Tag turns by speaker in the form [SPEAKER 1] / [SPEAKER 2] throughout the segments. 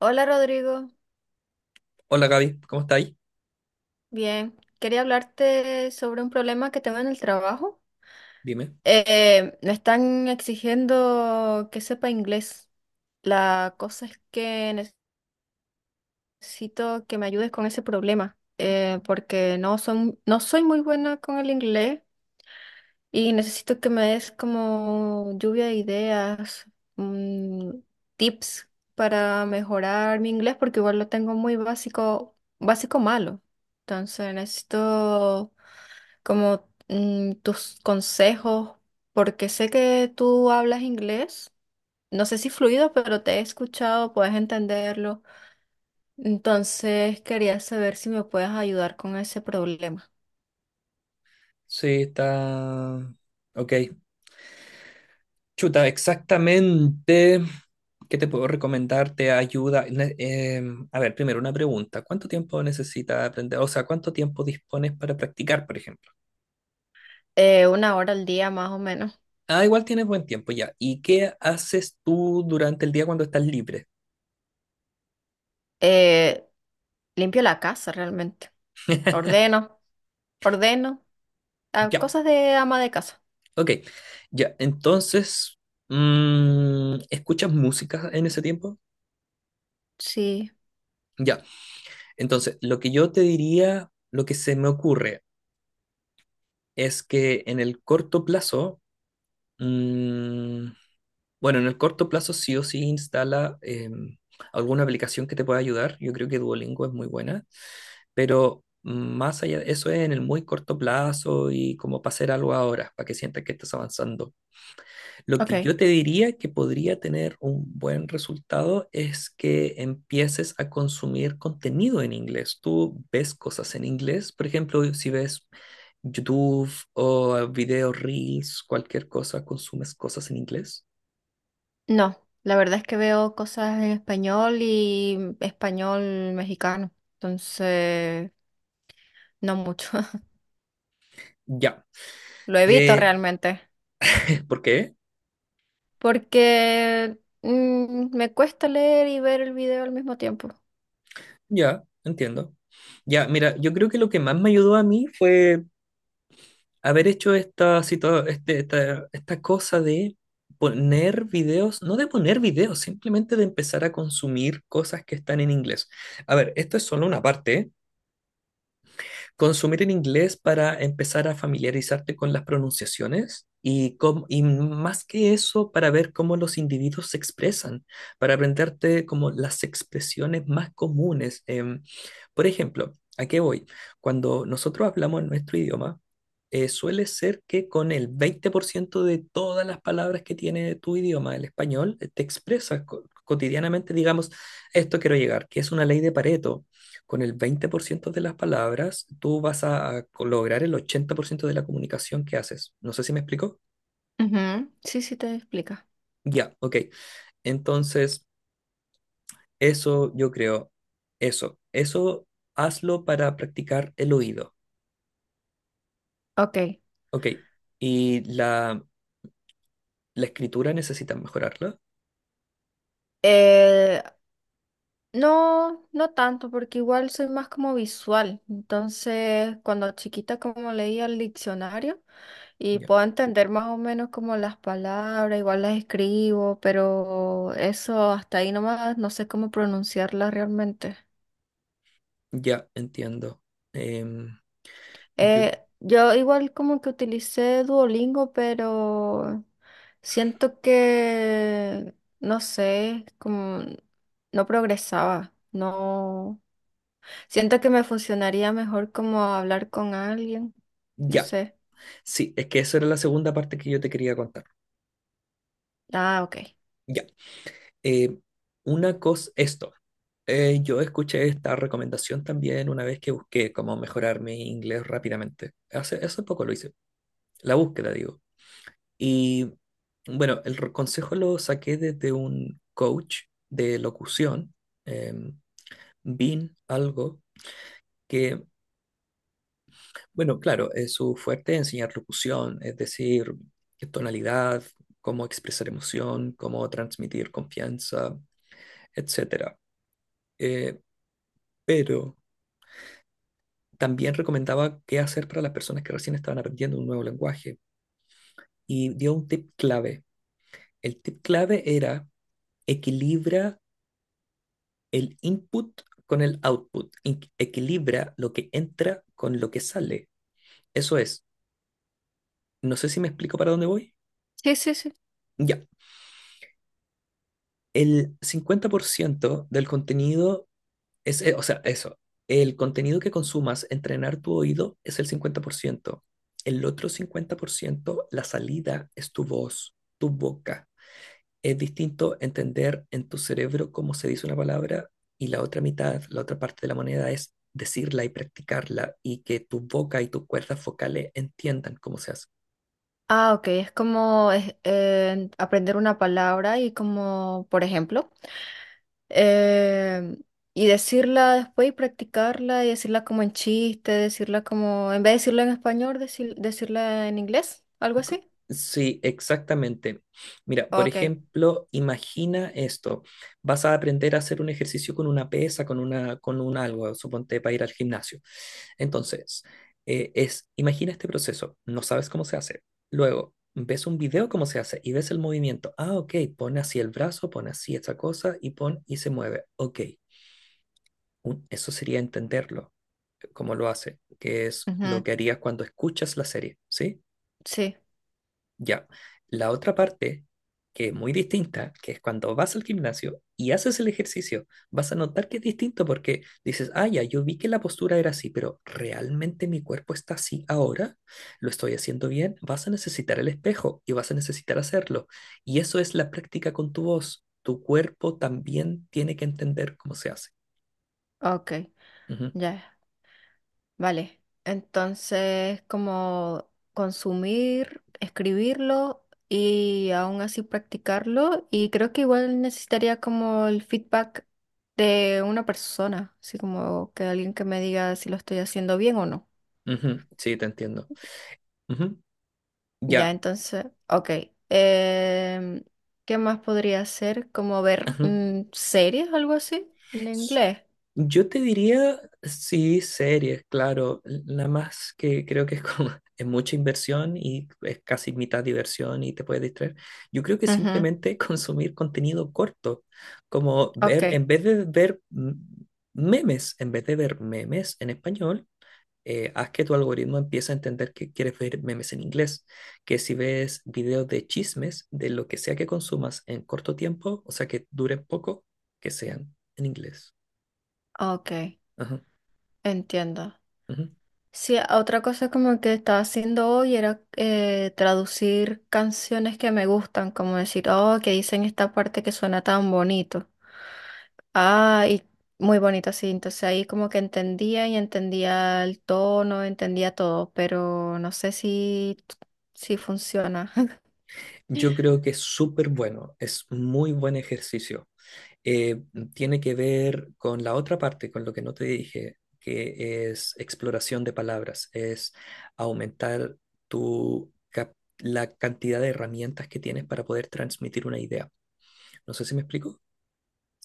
[SPEAKER 1] Hola Rodrigo,
[SPEAKER 2] Hola Gaby, ¿cómo estáis?
[SPEAKER 1] bien. Quería hablarte sobre un problema que tengo en el trabajo.
[SPEAKER 2] Dime.
[SPEAKER 1] Me están exigiendo que sepa inglés. La cosa es que necesito que me ayudes con ese problema, porque no soy muy buena con el inglés y necesito que me des como lluvia de ideas, mm, tips para mejorar mi inglés, porque igual lo tengo muy básico, básico malo. Entonces necesito como tus consejos, porque sé que tú hablas inglés, no sé si fluido, pero te he escuchado, puedes entenderlo. Entonces quería saber si me puedes ayudar con ese problema.
[SPEAKER 2] Sí, está... Ok. Chuta, exactamente. ¿Qué te puedo recomendar? ¿Te ayuda? A ver, primero una pregunta. ¿Cuánto tiempo necesitas aprender? O sea, ¿cuánto tiempo dispones para practicar, por ejemplo?
[SPEAKER 1] Una hora al día más o menos.
[SPEAKER 2] Ah, igual tienes buen tiempo ya. ¿Y qué haces tú durante el día cuando estás libre?
[SPEAKER 1] Eh, Limpio la casa realmente. Ordeno, ordeno,
[SPEAKER 2] Ya,
[SPEAKER 1] cosas de ama de casa.
[SPEAKER 2] ok. Ya, entonces, ¿escuchas música en ese tiempo?
[SPEAKER 1] Sí,
[SPEAKER 2] Ya. Entonces, lo que yo te diría, lo que se me ocurre es que en el corto plazo, mm, bueno, en el corto plazo sí o sí instala alguna aplicación que te pueda ayudar. Yo creo que Duolingo es muy buena, pero más allá de eso es en el muy corto plazo y como para hacer algo ahora, para que sientas que estás avanzando. Lo
[SPEAKER 1] ok.
[SPEAKER 2] que yo te diría que podría tener un buen resultado es que empieces a consumir contenido en inglés. Tú ves cosas en inglés, por ejemplo, si ves YouTube o videos reels, cualquier cosa, consumes cosas en inglés.
[SPEAKER 1] No, la verdad es que veo cosas en español y español mexicano, entonces no mucho.
[SPEAKER 2] Ya.
[SPEAKER 1] Lo evito
[SPEAKER 2] Eh,
[SPEAKER 1] realmente
[SPEAKER 2] ¿Por qué?
[SPEAKER 1] porque me cuesta leer y ver el video al mismo tiempo.
[SPEAKER 2] Ya, entiendo. Ya, mira, yo creo que lo que más me ayudó a mí fue haber hecho esta, situa- este- esta cosa de poner videos, no de poner videos, simplemente de empezar a consumir cosas que están en inglés. A ver, esto es solo una parte, ¿eh? Consumir en inglés para empezar a familiarizarte con las pronunciaciones y, y más que eso, para ver cómo los individuos se expresan, para aprenderte como las expresiones más comunes. Por ejemplo, ¿a qué voy? Cuando nosotros hablamos en nuestro idioma, suele ser que con el 20% de todas las palabras que tiene tu idioma, el español, te expresas cotidianamente, digamos, esto quiero llegar, que es una ley de Pareto con el 20% de las palabras, tú vas a lograr el 80% de la comunicación que haces. No sé si me explico.
[SPEAKER 1] Ujú, sí, sí te explica.
[SPEAKER 2] Ya, ok. Entonces, eso yo creo, eso hazlo para practicar el oído.
[SPEAKER 1] Ok.
[SPEAKER 2] Ok. Y la escritura necesitas mejorarla.
[SPEAKER 1] Eh, No, no tanto, porque igual soy más como visual. Entonces, cuando chiquita como leía el diccionario y
[SPEAKER 2] Ya,
[SPEAKER 1] puedo entender más o menos como las palabras, igual las escribo, pero eso hasta ahí nomás no sé cómo pronunciarlas realmente.
[SPEAKER 2] ya, entiendo. Em, yo-
[SPEAKER 1] Yo igual como que utilicé Duolingo, pero siento que, no sé, como no progresaba, no. Siento que me funcionaría mejor como hablar con alguien. No
[SPEAKER 2] ya,
[SPEAKER 1] sé.
[SPEAKER 2] sí, es que esa era la segunda parte que yo te quería contar.
[SPEAKER 1] Ah, ok.
[SPEAKER 2] Ya. Eh, una cosa, esto. Yo escuché esta recomendación también una vez que busqué cómo mejorar mi inglés rápidamente. Hace poco lo hice, la búsqueda, digo. Y bueno, el consejo lo saqué desde un coach de locución, em, Bean Algo, que, bueno, claro, es su fuerte es enseñar locución, es decir, qué tonalidad, cómo expresar emoción, cómo transmitir confianza, etcétera. Eh, pero también recomendaba qué hacer para las personas que recién estaban aprendiendo un nuevo lenguaje y dio un tip clave. El tip clave era equilibra el input con el output, equilibra lo que entra con lo que sale. Eso es, no sé si me explico para dónde voy.
[SPEAKER 1] Sí, sí, sí.
[SPEAKER 2] Ya, el 50% del contenido es, o sea, eso, el contenido que consumas, entrenar tu oído es el 50%. El otro 50%, la salida es tu voz, tu boca. Es distinto entender en tu cerebro cómo se dice una palabra y la otra mitad, la otra parte de la moneda es decirla y practicarla y que tu boca y tus cuerdas focales entiendan cómo se hace.
[SPEAKER 1] Ah, ok. Aprender una palabra y como, por ejemplo, eh, y decirla después y practicarla y decirla como en chiste, decirla como, en vez de decirla en español, decirla en inglés, algo
[SPEAKER 2] Co-
[SPEAKER 1] así.
[SPEAKER 2] Sí, exactamente. Mira, por
[SPEAKER 1] Ok.
[SPEAKER 2] ejemplo, imagina esto. Vas a aprender a hacer un ejercicio con una pesa, con un algo, suponte para ir al gimnasio. Entonces, imagina este proceso. No sabes cómo se hace. Luego, ves un video cómo se hace y ves el movimiento. Ah, ok, pon así el brazo, pon así esta cosa y pon y se mueve. Ok, eso sería entenderlo, cómo lo hace, que es lo
[SPEAKER 1] Ujú.
[SPEAKER 2] que harías cuando escuchas la serie, ¿sí?
[SPEAKER 1] Sí,
[SPEAKER 2] Ya. La otra parte, que es muy distinta, que es cuando vas al gimnasio y haces el ejercicio, vas a notar que es distinto porque dices, ah, ya, yo vi que la postura era así, pero ¿realmente mi cuerpo está así ahora? ¿Lo estoy haciendo bien? Vas a necesitar el espejo y vas a necesitar hacerlo. Y eso es la práctica con tu voz. Tu cuerpo también tiene que entender cómo se hace.
[SPEAKER 1] ok.
[SPEAKER 2] Ujú,
[SPEAKER 1] Ya. Vale, entonces como consumir, escribirlo y aún así practicarlo y creo que igual necesitaría como el feedback de una persona, así como que alguien que me diga si lo estoy haciendo bien o no.
[SPEAKER 2] ujú, sí, te entiendo. Ujú,
[SPEAKER 1] Ya,
[SPEAKER 2] ya.
[SPEAKER 1] entonces, ok. em, ¿qué más podría hacer? Como ver
[SPEAKER 2] Ujú.
[SPEAKER 1] series, algo así, en inglés.
[SPEAKER 2] Yo te diría, sí, series, claro. La más que creo que es como es mucha inversión y es casi mitad diversión y te puedes distraer. Yo creo que
[SPEAKER 1] Ujú,
[SPEAKER 2] simplemente consumir contenido corto, como
[SPEAKER 1] ok,
[SPEAKER 2] ver, en vez de ver memes en español, haz que tu algoritmo empiece a entender que quieres ver memes en inglés. Que si ves videos de chismes, de lo que sea que consumas en corto tiempo, o sea que duren poco, que sean en inglés.
[SPEAKER 1] ok,
[SPEAKER 2] Ajá,
[SPEAKER 1] entiendo.
[SPEAKER 2] ujú.
[SPEAKER 1] Sí, otra cosa como que estaba haciendo hoy era traducir canciones que me gustan, como decir, oh, que dicen esta parte que suena tan bonito. Ah, y muy bonito, sí. Entonces ahí como que entendía y entendía el tono, entendía todo, pero no sé si funciona.
[SPEAKER 2] Yo creo que es súper bueno, es muy buen ejercicio. Eh, Tiene que ver con la otra parte, con lo que no te dije, que es exploración de palabras, es aumentar la cantidad de herramientas que tienes para poder transmitir una idea. No sé si me explico.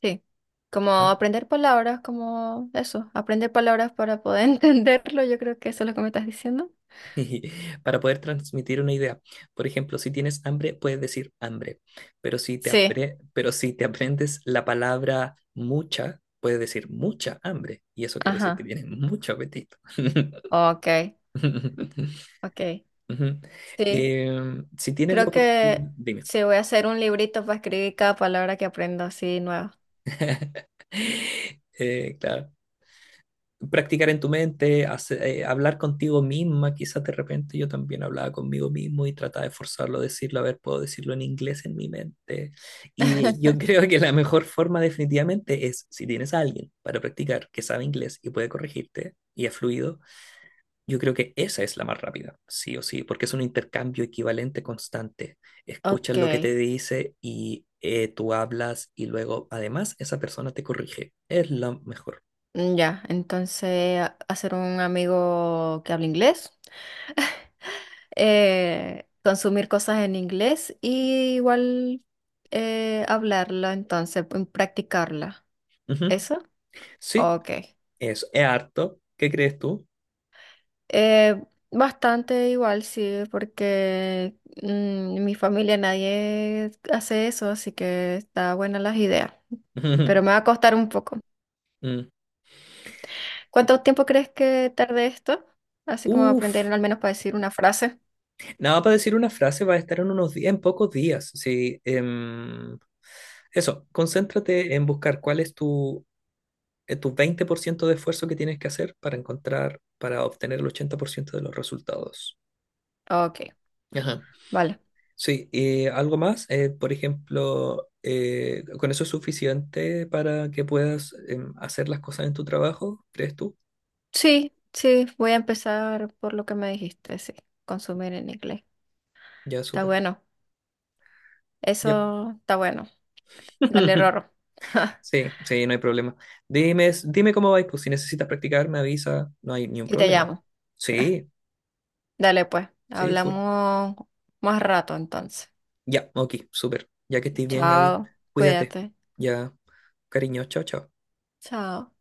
[SPEAKER 1] Sí. Como aprender palabras, como eso, aprender palabras para poder entenderlo, yo creo que eso es lo que me estás diciendo.
[SPEAKER 2] Para poder transmitir una idea. Por ejemplo, si tienes hambre, puedes decir hambre,
[SPEAKER 1] Sí,
[SPEAKER 2] pero si te aprendes la palabra mucha, puedes decir mucha hambre, y eso quiere decir que
[SPEAKER 1] ajá,
[SPEAKER 2] tienes mucho apetito.
[SPEAKER 1] ok, ok.
[SPEAKER 2] Ujú.
[SPEAKER 1] Sí,
[SPEAKER 2] Si tienes la
[SPEAKER 1] creo que
[SPEAKER 2] oportunidad, dime.
[SPEAKER 1] sí voy a hacer un librito para escribir cada palabra que aprendo así nueva.
[SPEAKER 2] Claro. Practicar en tu mente, hablar contigo misma, quizás de repente yo también hablaba conmigo mismo y trataba de forzarlo a decirlo, a ver, puedo decirlo en inglés en mi mente. Y yo creo que la mejor forma definitivamente es, si tienes a alguien para practicar que sabe inglés y puede corregirte y es fluido, yo creo que esa es la más rápida, sí o sí, porque es un intercambio equivalente constante. Escuchas
[SPEAKER 1] Ok,
[SPEAKER 2] lo que te dice y tú hablas y luego además esa persona te corrige. Es la mejor.
[SPEAKER 1] ya, entonces hacer un amigo que hable inglés, consumir cosas en inglés y igual hablarla, entonces practicarla.
[SPEAKER 2] Ujú.
[SPEAKER 1] ¿Eso?
[SPEAKER 2] Sí,
[SPEAKER 1] Ok.
[SPEAKER 2] eso, es harto. ¿Qué crees tú?
[SPEAKER 1] Eh, Bastante igual, sí, porque en mi familia nadie hace eso, así que está buena las ideas, pero me va a costar un poco.
[SPEAKER 2] Mm.
[SPEAKER 1] ¿Cuánto tiempo crees que tarde esto? Así como aprender
[SPEAKER 2] Uf.
[SPEAKER 1] al menos para decir una frase.
[SPEAKER 2] Nada, para decir una frase va a estar en unos días, en pocos días. Sí, eso, concéntrate en buscar cuál es tu, tu 20% de esfuerzo que tienes que hacer para encontrar, para obtener el 80% de los resultados.
[SPEAKER 1] Ok,
[SPEAKER 2] Ajá.
[SPEAKER 1] vale.
[SPEAKER 2] Sí, y algo más, por ejemplo, ¿con eso es suficiente para que puedas hacer las cosas en tu trabajo? ¿Crees tú?
[SPEAKER 1] Sí, sí, voy a empezar por lo que me dijiste, sí, consumir en inglés.
[SPEAKER 2] Ya,
[SPEAKER 1] Está
[SPEAKER 2] súper.
[SPEAKER 1] bueno,
[SPEAKER 2] Ya.
[SPEAKER 1] eso está bueno. Dale, Rorro.
[SPEAKER 2] Sí, sí, no hay problema. Dime, dime cómo vais, pues si necesitas practicar, me avisa, no hay ni un
[SPEAKER 1] Y te
[SPEAKER 2] problema.
[SPEAKER 1] llamo.
[SPEAKER 2] Sí,
[SPEAKER 1] Dale, pues,
[SPEAKER 2] sí, full.
[SPEAKER 1] hablamos más rato entonces.
[SPEAKER 2] Ya, ok, súper. Ya que estés bien, Gaby,
[SPEAKER 1] Chao,
[SPEAKER 2] cuídate.
[SPEAKER 1] cuídate.
[SPEAKER 2] Ya, cariño, chao, chao.
[SPEAKER 1] Chao.